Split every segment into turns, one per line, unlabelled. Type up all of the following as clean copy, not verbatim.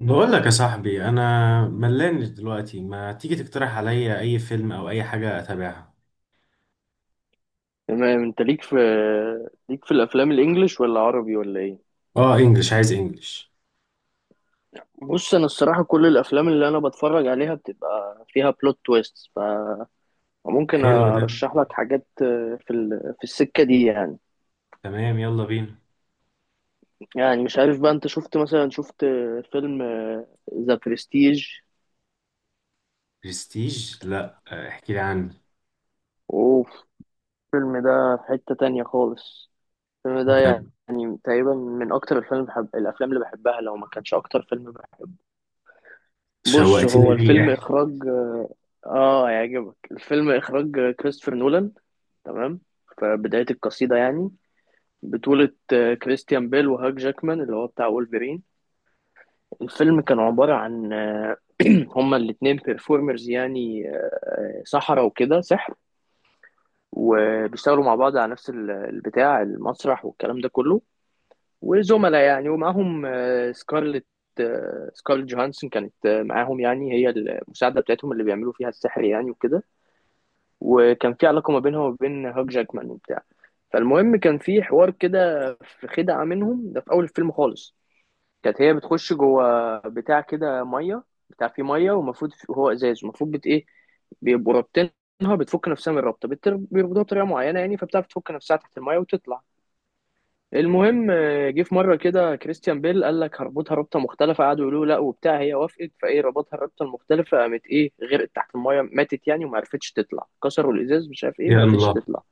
بقول لك يا صاحبي، انا ملان دلوقتي. ما تيجي تقترح عليا اي فيلم او اي حاجه اتابعها؟
تمام، انت ليك في الافلام الانجليش ولا عربي ولا ايه؟
اه، انجلش. عايز انجلش.
بص، انا الصراحه كل الافلام اللي انا بتفرج عليها بتبقى فيها بلوت تويست، فممكن
حلو ده.
ارشح لك حاجات في السكه دي يعني.
تمام، يلا بينا.
يعني مش عارف بقى، انت شفت مثلا، فيلم ذا برستيج؟
برستيج؟ لا. احكي لي عنه.
اوف، الفيلم ده في حته تانية خالص. الفيلم ده
ده،
يعني تقريبا من اكتر الافلام اللي بحبها، لو ما كانش اكتر فيلم. بص، هو
شوقتني. ليه؟
الفيلم
احكي.
اخراج، اه هيعجبك، الفيلم اخراج كريستوفر نولان. تمام، في بداية القصيدة يعني، بطولة كريستيان بيل وهاك جاكمان اللي هو بتاع وولفرين. الفيلم كان عبارة عن هما الاتنين بيرفورمرز يعني، سحرة وكده، سحر، وبيشتغلوا مع بعض على نفس البتاع، المسرح والكلام ده كله، وزملاء يعني. ومعاهم سكارلت جوهانسون كانت معاهم، يعني هي المساعدة بتاعتهم اللي بيعملوا فيها السحر يعني وكده. وكان في علاقة ما بينها وبين هاك جاكمان وبتاع. فالمهم، كان في حوار كده، في خدعة منهم، ده في أول الفيلم خالص. كانت هي بتخش جوه بتاع كده مية، بتاع فيه مية، ومفروض هو إزاز، المفروض بت إيه، بيبقوا رابطينها، بتفك نفسها من الرابطة، بيربطوها بطريقة معينة يعني، فبتعرف تفك نفسها تحت المية وتطلع. المهم جه في مره كده كريستيان بيل قال لك هربطها ربطه مختلفه، قعدوا يقولوا له لا وبتاع، هي وافقت، فايه، ربطها الربطه المختلفه، قامت ايه، غرقت تحت المايه، ماتت يعني وما عرفتش تطلع، كسروا الازاز مش عارف ايه، ما عرفتش
يلا.
تطلع.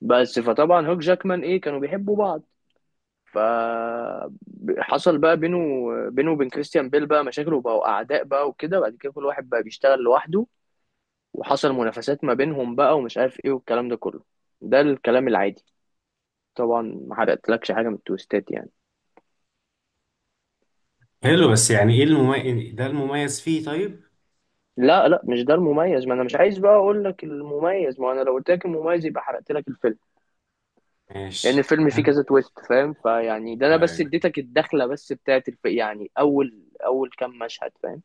بس فطبعا هوك جاكمان ايه، كانوا بيحبوا بعض. ف حصل بقى بينه وبين كريستيان بيل بقى مشاكل، وبقوا اعداء بقى وكده، بعد كده كل واحد بقى بيشتغل لوحده، وحصل منافسات ما بينهم بقى ومش عارف ايه والكلام ده كله. ده الكلام العادي طبعا، ما حرقتلكش حاجه من التويستات يعني.
حلو، بس يعني ايه المميز؟ ده المميز فيه طيب؟
لا لا، مش ده المميز. ما انا مش عايز بقى اقول لك المميز، ما انا لو قلت لك المميز يبقى حرقت لك الفيلم. لان
ماشي.
الفيلم فيه
أنا-
كذا تويست، فاهم؟ فيعني ده انا
آه،
بس اديتك الدخله بس بتاعت يعني اول، كام مشهد، فاهم؟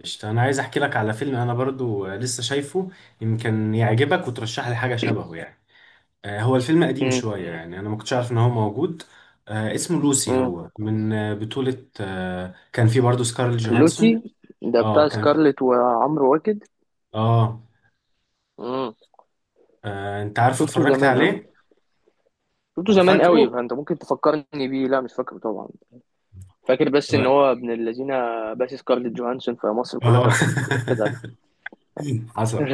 قشطة. انا عايز احكي لك على فيلم انا برضو لسه شايفه. يمكن يعجبك وترشح لي حاجه شبهه يعني. هو الفيلم قديم
امم
شوية، يعني أنا ما كنتش عارف إن هو موجود. اسمه لوسي.
امم
هو من بطولة كان فيه برضه سكارل جوهانسون.
لوسي. ده
اه،
بتاع
كان.
سكارلت وعمرو واكد.
اه.
امم،
أنت عارفه
شفته
اتفرجت
زمان قوي.
عليه؟
شفته
اه،
زمان
فاكره؟
قوي فانت ممكن تفكرني بيه، لا مش فاكره طبعا. فاكر بس ان
اه.
هو ابن الذين، بس سكارلت جوهانسون في مصر كلها
آه.
كانت بتحقد عليه.
حصل.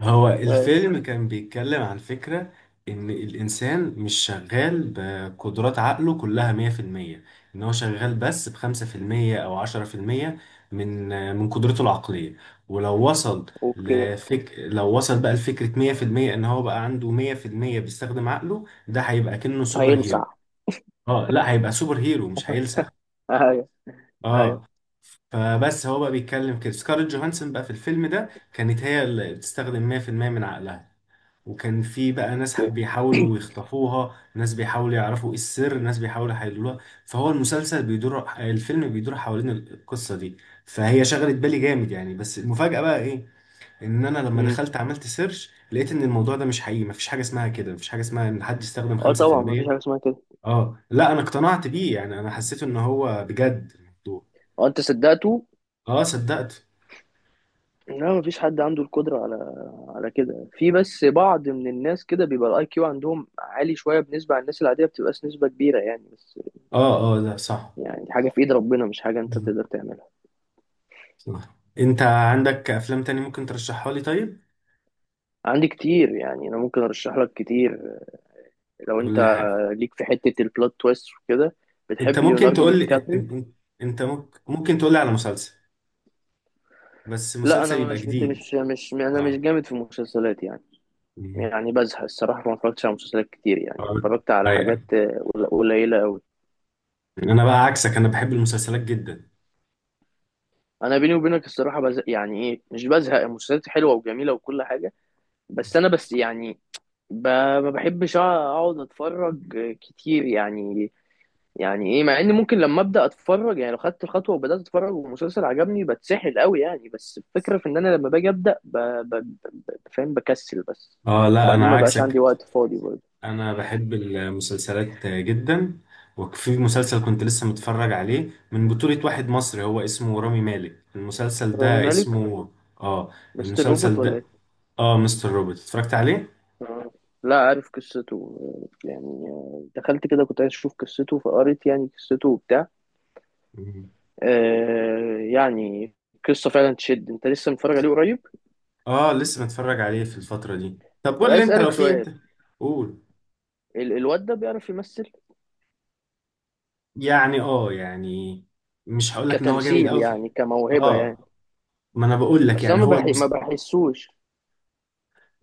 هو الفيلم كان بيتكلم عن فكرة، إن الإنسان مش شغال بقدرات عقله كلها 100%. إن هو شغال بس بخمسة في المية أو عشرة في المية، من من قدرته العقلية. ولو وصل
اوكي.
لو وصل بقى لفكرة 100%، إن هو بقى عنده 100% بيستخدم عقله، ده هيبقى كأنه سوبر هيرو.
هيلسع.
اه، لا، هيبقى سوبر هيرو، مش هيلسع.
ايوه. ايوه.
اه. فبس هو بقى بيتكلم كده. سكارلت جوهانسون بقى في الفيلم ده كانت هي اللي بتستخدم 100% من عقلها. وكان في بقى ناس
اوكي.
بيحاولوا يخطفوها، ناس بيحاولوا يعرفوا إيه السر، ناس بيحاولوا يحللوها. فهو المسلسل بيدور الفيلم بيدور حوالين القصة دي. فهي شغلت بالي جامد، يعني. بس المفاجأة بقى ايه؟ ان انا لما
امم.
دخلت عملت سيرش، لقيت ان الموضوع ده مش حقيقي. مفيش حاجة اسمها كده. مفيش حاجة اسمها ان حد يستخدم
اه طبعا، مفيش
5%.
حاجه اسمها كده.
اه، لا انا اقتنعت بيه يعني. انا حسيت ان هو بجد الموضوع.
هو انت صدقته؟
اه، صدقت.
لا مفيش حد عنده القدره على، على كده. في بس بعض من الناس كده بيبقى الاي كيو عندهم عالي شويه بالنسبه عن الناس العاديه، بتبقاش نسبه كبيره يعني بس.
اه، اه، ده صح.
يعني حاجه في ايد ربنا، مش حاجه انت
مم.
تقدر تعملها.
صح. انت عندك افلام تاني ممكن ترشحها لي طيب؟
عندي كتير يعني، انا ممكن ارشح لك كتير. لو انت
ولا
ليك في حته البلوت تويست وكده.
انت
بتحب
ممكن
ليوناردو
تقول
دي
لي
كابريو؟
انت ممكن تقول لي على مسلسل. بس
لا انا
مسلسل يبقى
مش بت...
جديد.
مش مش انا مش
اه.
جامد في المسلسلات يعني.
مم.
يعني بزهق الصراحة، ما اتفرجتش على مسلسلات كتير يعني.
اه.
اتفرجت على حاجات
ايوه.
قليلة أوي.
انا بقى عكسك، انا بحب المسلسلات جدا.
أنا بيني وبينك الصراحة بزهق. يعني إيه، مش بزهق، المسلسلات حلوة وجميلة وكل حاجة، بس أنا بس يعني، ب... ما بحبش أقعد أتفرج كتير يعني. يعني إيه، مع إن ممكن لما أبدأ أتفرج، يعني لو خدت الخطوة وبدأت أتفرج والمسلسل عجبني بتسحل أوي يعني، بس الفكرة في إن أنا لما باجي أبدأ فاهم، بكسل بس.
اه، لا
وبعدين
انا
ما بقاش عندي
عكسك.
وقت فاضي برضه.
انا بحب المسلسلات جدا. وفي مسلسل كنت لسه متفرج عليه، من بطولة واحد مصري هو اسمه رامي مالك. المسلسل
رامي
ده
مالك،
اسمه... اه،
مستر روبوت
المسلسل
ولا
ده.
إيه؟
اه، مستر روبوت. اتفرجت عليه.
آه. لا عارف قصته يعني، دخلت كده كنت عايز اشوف قصته فقريت يعني قصته وبتاع.
مم.
آه يعني قصة فعلا تشد. انت لسه متفرج عليه قريب؟
اه، لسه متفرج عليه في الفترة دي. طب
طب
قول لي
عايز
انت، لو
اسألك
في
سؤال،
انت... قول.
الواد ده بيعرف يمثل؟
يعني يعني، مش هقول لك ان هو جامد
كتمثيل
قوي فيه.
يعني، كموهبة يعني؟
اه، ما انا بقول لك
بس انا
يعني، هو
ما بحسوش.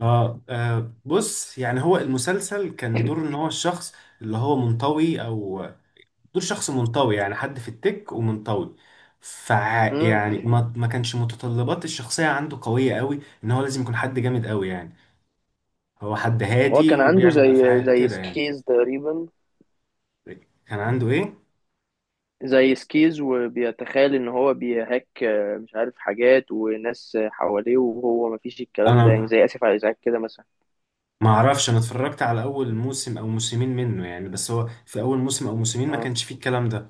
بص، يعني هو المسلسل كان دور ان هو الشخص اللي هو منطوي او... دور شخص منطوي، يعني حد في التك ومنطوي.
مم.
يعني ما كانش متطلبات الشخصية عنده قوية قوي ان هو لازم يكون حد جامد قوي يعني. هو حد
هو
هادي
كان عنده
وبيعمل
زي،
افعال كده يعني.
سكيز تقريبا.
كان عنده ايه؟
زي سكيز وبيتخيل ان هو بيهاك، مش عارف حاجات وناس حواليه، وهو ما فيش الكلام ده يعني،
انا
زي اسف على الازعاج كده مثلا.
ما اعرفش. انا اتفرجت على اول موسم او موسمين منه يعني. بس هو في اول موسم او موسمين ما كانش فيه الكلام ده.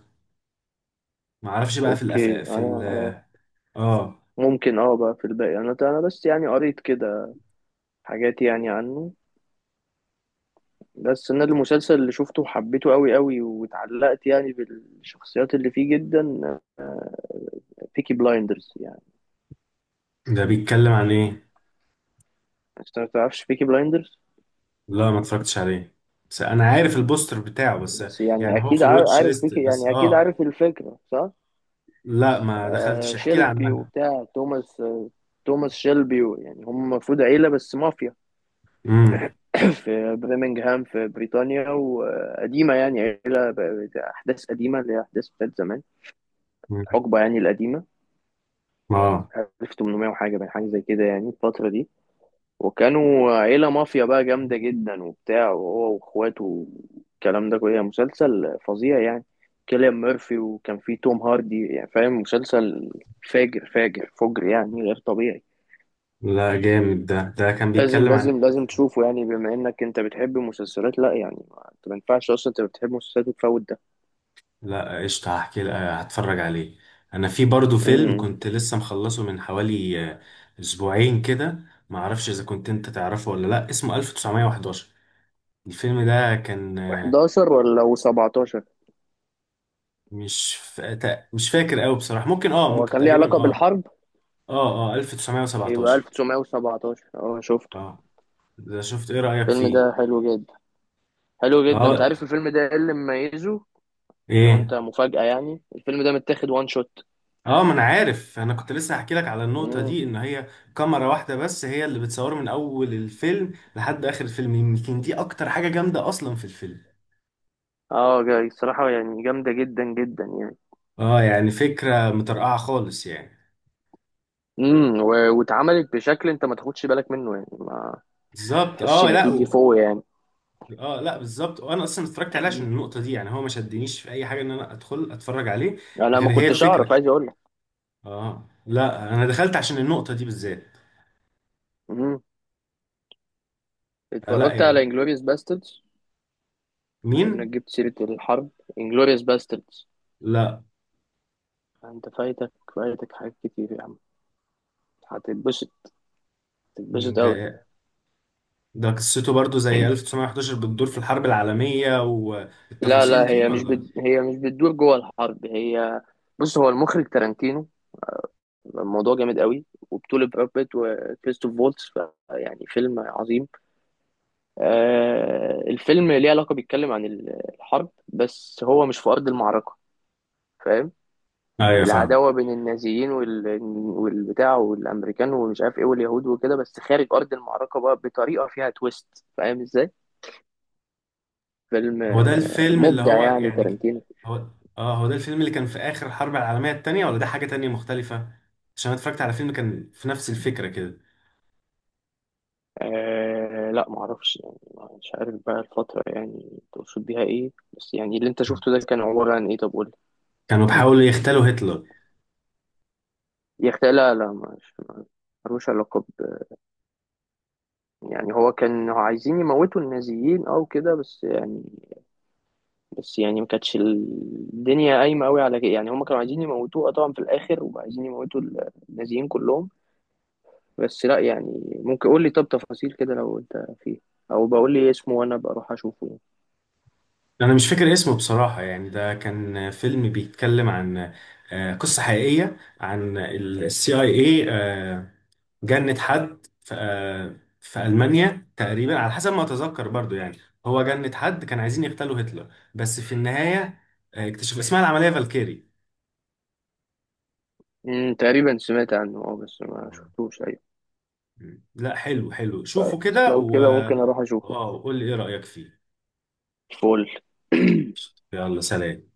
ما اعرفش بقى في الأف...
اوكي
في
انا،
ال... اه.
ممكن اه بقى في الباقي. انا بس يعني قريت كده حاجات يعني عنه. بس انا المسلسل اللي شفته وحبيته قوي قوي واتعلقت يعني بالشخصيات اللي فيه جدا، بيكي بلايندرز يعني.
ده بيتكلم عن ايه؟
انت ما تعرفش بيكي بلايندرز؟
لا، ما اتفرجتش عليه. بس انا عارف البوستر بتاعه بس.
بس يعني
يعني هو في
اكيد
الواتش
عارف
ليست
بيكي
بس.
يعني، اكيد
اه.
عارف الفكرة صح؟
لا، ما
آه
دخلتش. احكي لي
شيلبي
عنها.
وبتاع، توماس توماس شيلبي يعني. هم المفروض عيلة بس مافيا
امم.
في برمنغهام في بريطانيا، وقديمة يعني، عيلة أحداث قديمة، اللي هي أحداث بتاعت زمان،
أمم.
الحقبة يعني القديمة،
اه،
1800 وحاجة، بين حاجة زي كده يعني الفترة دي. وكانوا عيلة مافيا بقى جامدة جدا وبتاع، وهو وإخواته والكلام ده كله. مسلسل فظيع يعني، كيليان ميرفي وكان فيه توم هاردي، يعني فاهم، مسلسل فاجر فاجر فجر يعني، غير طبيعي.
لا جامد. ده كان
لازم
بيتكلم عن...
لازم لازم تشوفه يعني، بما انك انت بتحب المسلسلات. لا يعني، انت ما ينفعش اصلا انت بتحب المسلسلات وتفوت ده.
لا قشطة. هتفرج عليه. انا في برضو فيلم
امم.
كنت لسه مخلصه من حوالي اسبوعين كده. معرفش اذا كنت انت تعرفه ولا لا. اسمه 1911. الفيلم ده كان
11 ولا و17؟
مش فا... تا- مش فاكر قوي بصراحة. ممكن، اه،
هو
ممكن.
كان ليه
تقريبا،
علاقة
اه.
بالحرب؟
اه، اه.
يبقى
1917.
1917، اه شفته.
اه. ده شفت؟ ايه رأيك
الفيلم
فيه؟
ده حلو جدا. حلو جدا، انت
اه.
عارف الفيلم ده ايه اللي مميزه؟ لو انت،
ايه؟
مفاجأة يعني، الفيلم ده متاخد وان شوت.
اه، ما انا عارف. انا كنت لسه هحكي لك على النقطة
امم،
دي، ان هي كاميرا واحدة بس هي اللي بتصوره من اول الفيلم لحد اخر الفيلم. يمكن دي اكتر حاجة جامدة اصلا في الفيلم.
اه جاي الصراحة، يعني جامدة جدا جدا يعني.
اه، يعني فكرة مترقعة خالص يعني.
امم، واتعملت بشكل انت ما تاخدش بالك منه يعني، ما
بالظبط.
تحسش
اه،
ان
لا
في
و...
ديفو يعني.
اه، لا بالظبط. وانا اصلا اتفرجت عليه عشان النقطة دي. يعني هو ما شدنيش في اي حاجة ان انا ادخل اتفرج عليه،
انا ما
غير هي
كنتش
الفكرة.
اعرف، عايز اقول لك.
اه، لا انا دخلت عشان النقطة دي بالذات.
امم.
لا
اتفرجت على
يعني.
انجلوريوس باستردز؟ بما
مين؟
انك جبت سيرة الحرب، انجلوريوس باستردز.
لا،
انت فايتك، حاجات كتير يا عم، هتتبسط، تتبسط قوي.
ده ده قصته برضو زي 1911، بتدور في الحرب العالمية
لا
والتفاصيل
لا،
دي، ولا؟
هي مش بتدور جوه الحرب. هي، بص، هو المخرج تارانتينو. الموضوع جامد قوي، وبطولة براد بيت وكريستوف فولتس، يعني فيلم عظيم. آه الفيلم ليه علاقة، بيتكلم عن الحرب، بس هو مش في أرض المعركة، فاهم؟
ايوه، فاهم.
العداوة بين النازيين والبتاع والأمريكان ومش عارف إيه واليهود وكده، بس خارج أرض المعركة بقى، بطريقة فيها تويست، فاهم إزاي؟ فيلم
هو ده الفيلم اللي
مبدع
هو
يعني
يعني...
تارنتينو.
هو... اه، هو ده الفيلم اللي كان في آخر الحرب العالمية التانية، ولا ده حاجة تانية مختلفة؟ عشان أنا اتفرجت على فيلم كان في نفس الفكرة كده.
آه لا معرفش يعني، مش عارف بقى الفترة يعني تقصد بيها ايه، بس يعني اللي انت شفته ده كان عبارة عن ايه؟ طب قول
كانوا
لي.
بيحاولوا يغتالوا هتلر.
يا اختي لا لا، مش، ملوش علاقة ب... يعني هو كان عايزين يموتوا النازيين او كده، بس يعني، بس يعني ما كانتش الدنيا قايمة قوي على كده يعني، هم كانوا عايزين يموتوه طبعا في الاخر، وعايزين يموتوا النازيين كلهم، بس. لا يعني، ممكن قول لي طب تفاصيل كده لو انت فيه، او بقول لي إيه اسمه وانا بروح اشوفه يعني.
أنا مش فاكر اسمه بصراحة يعني. ده كان فيلم بيتكلم عن قصة حقيقية عن السي اي اي. جند حد في ألمانيا تقريبا على حسب ما أتذكر برضو يعني. هو جند حد كان عايزين يغتالوا هتلر، بس في النهاية اكتشف. اسمها العملية فالكيري.
مم، تقريبا سمعت عنه اه بس ما شفتوش. ايوه
لا، حلو حلو. شوفوا
بس
كده
لو
و...
كده ممكن اروح اشوفه.
اه، قول لي ايه رأيك فيه.
فول.
يلا، سلام.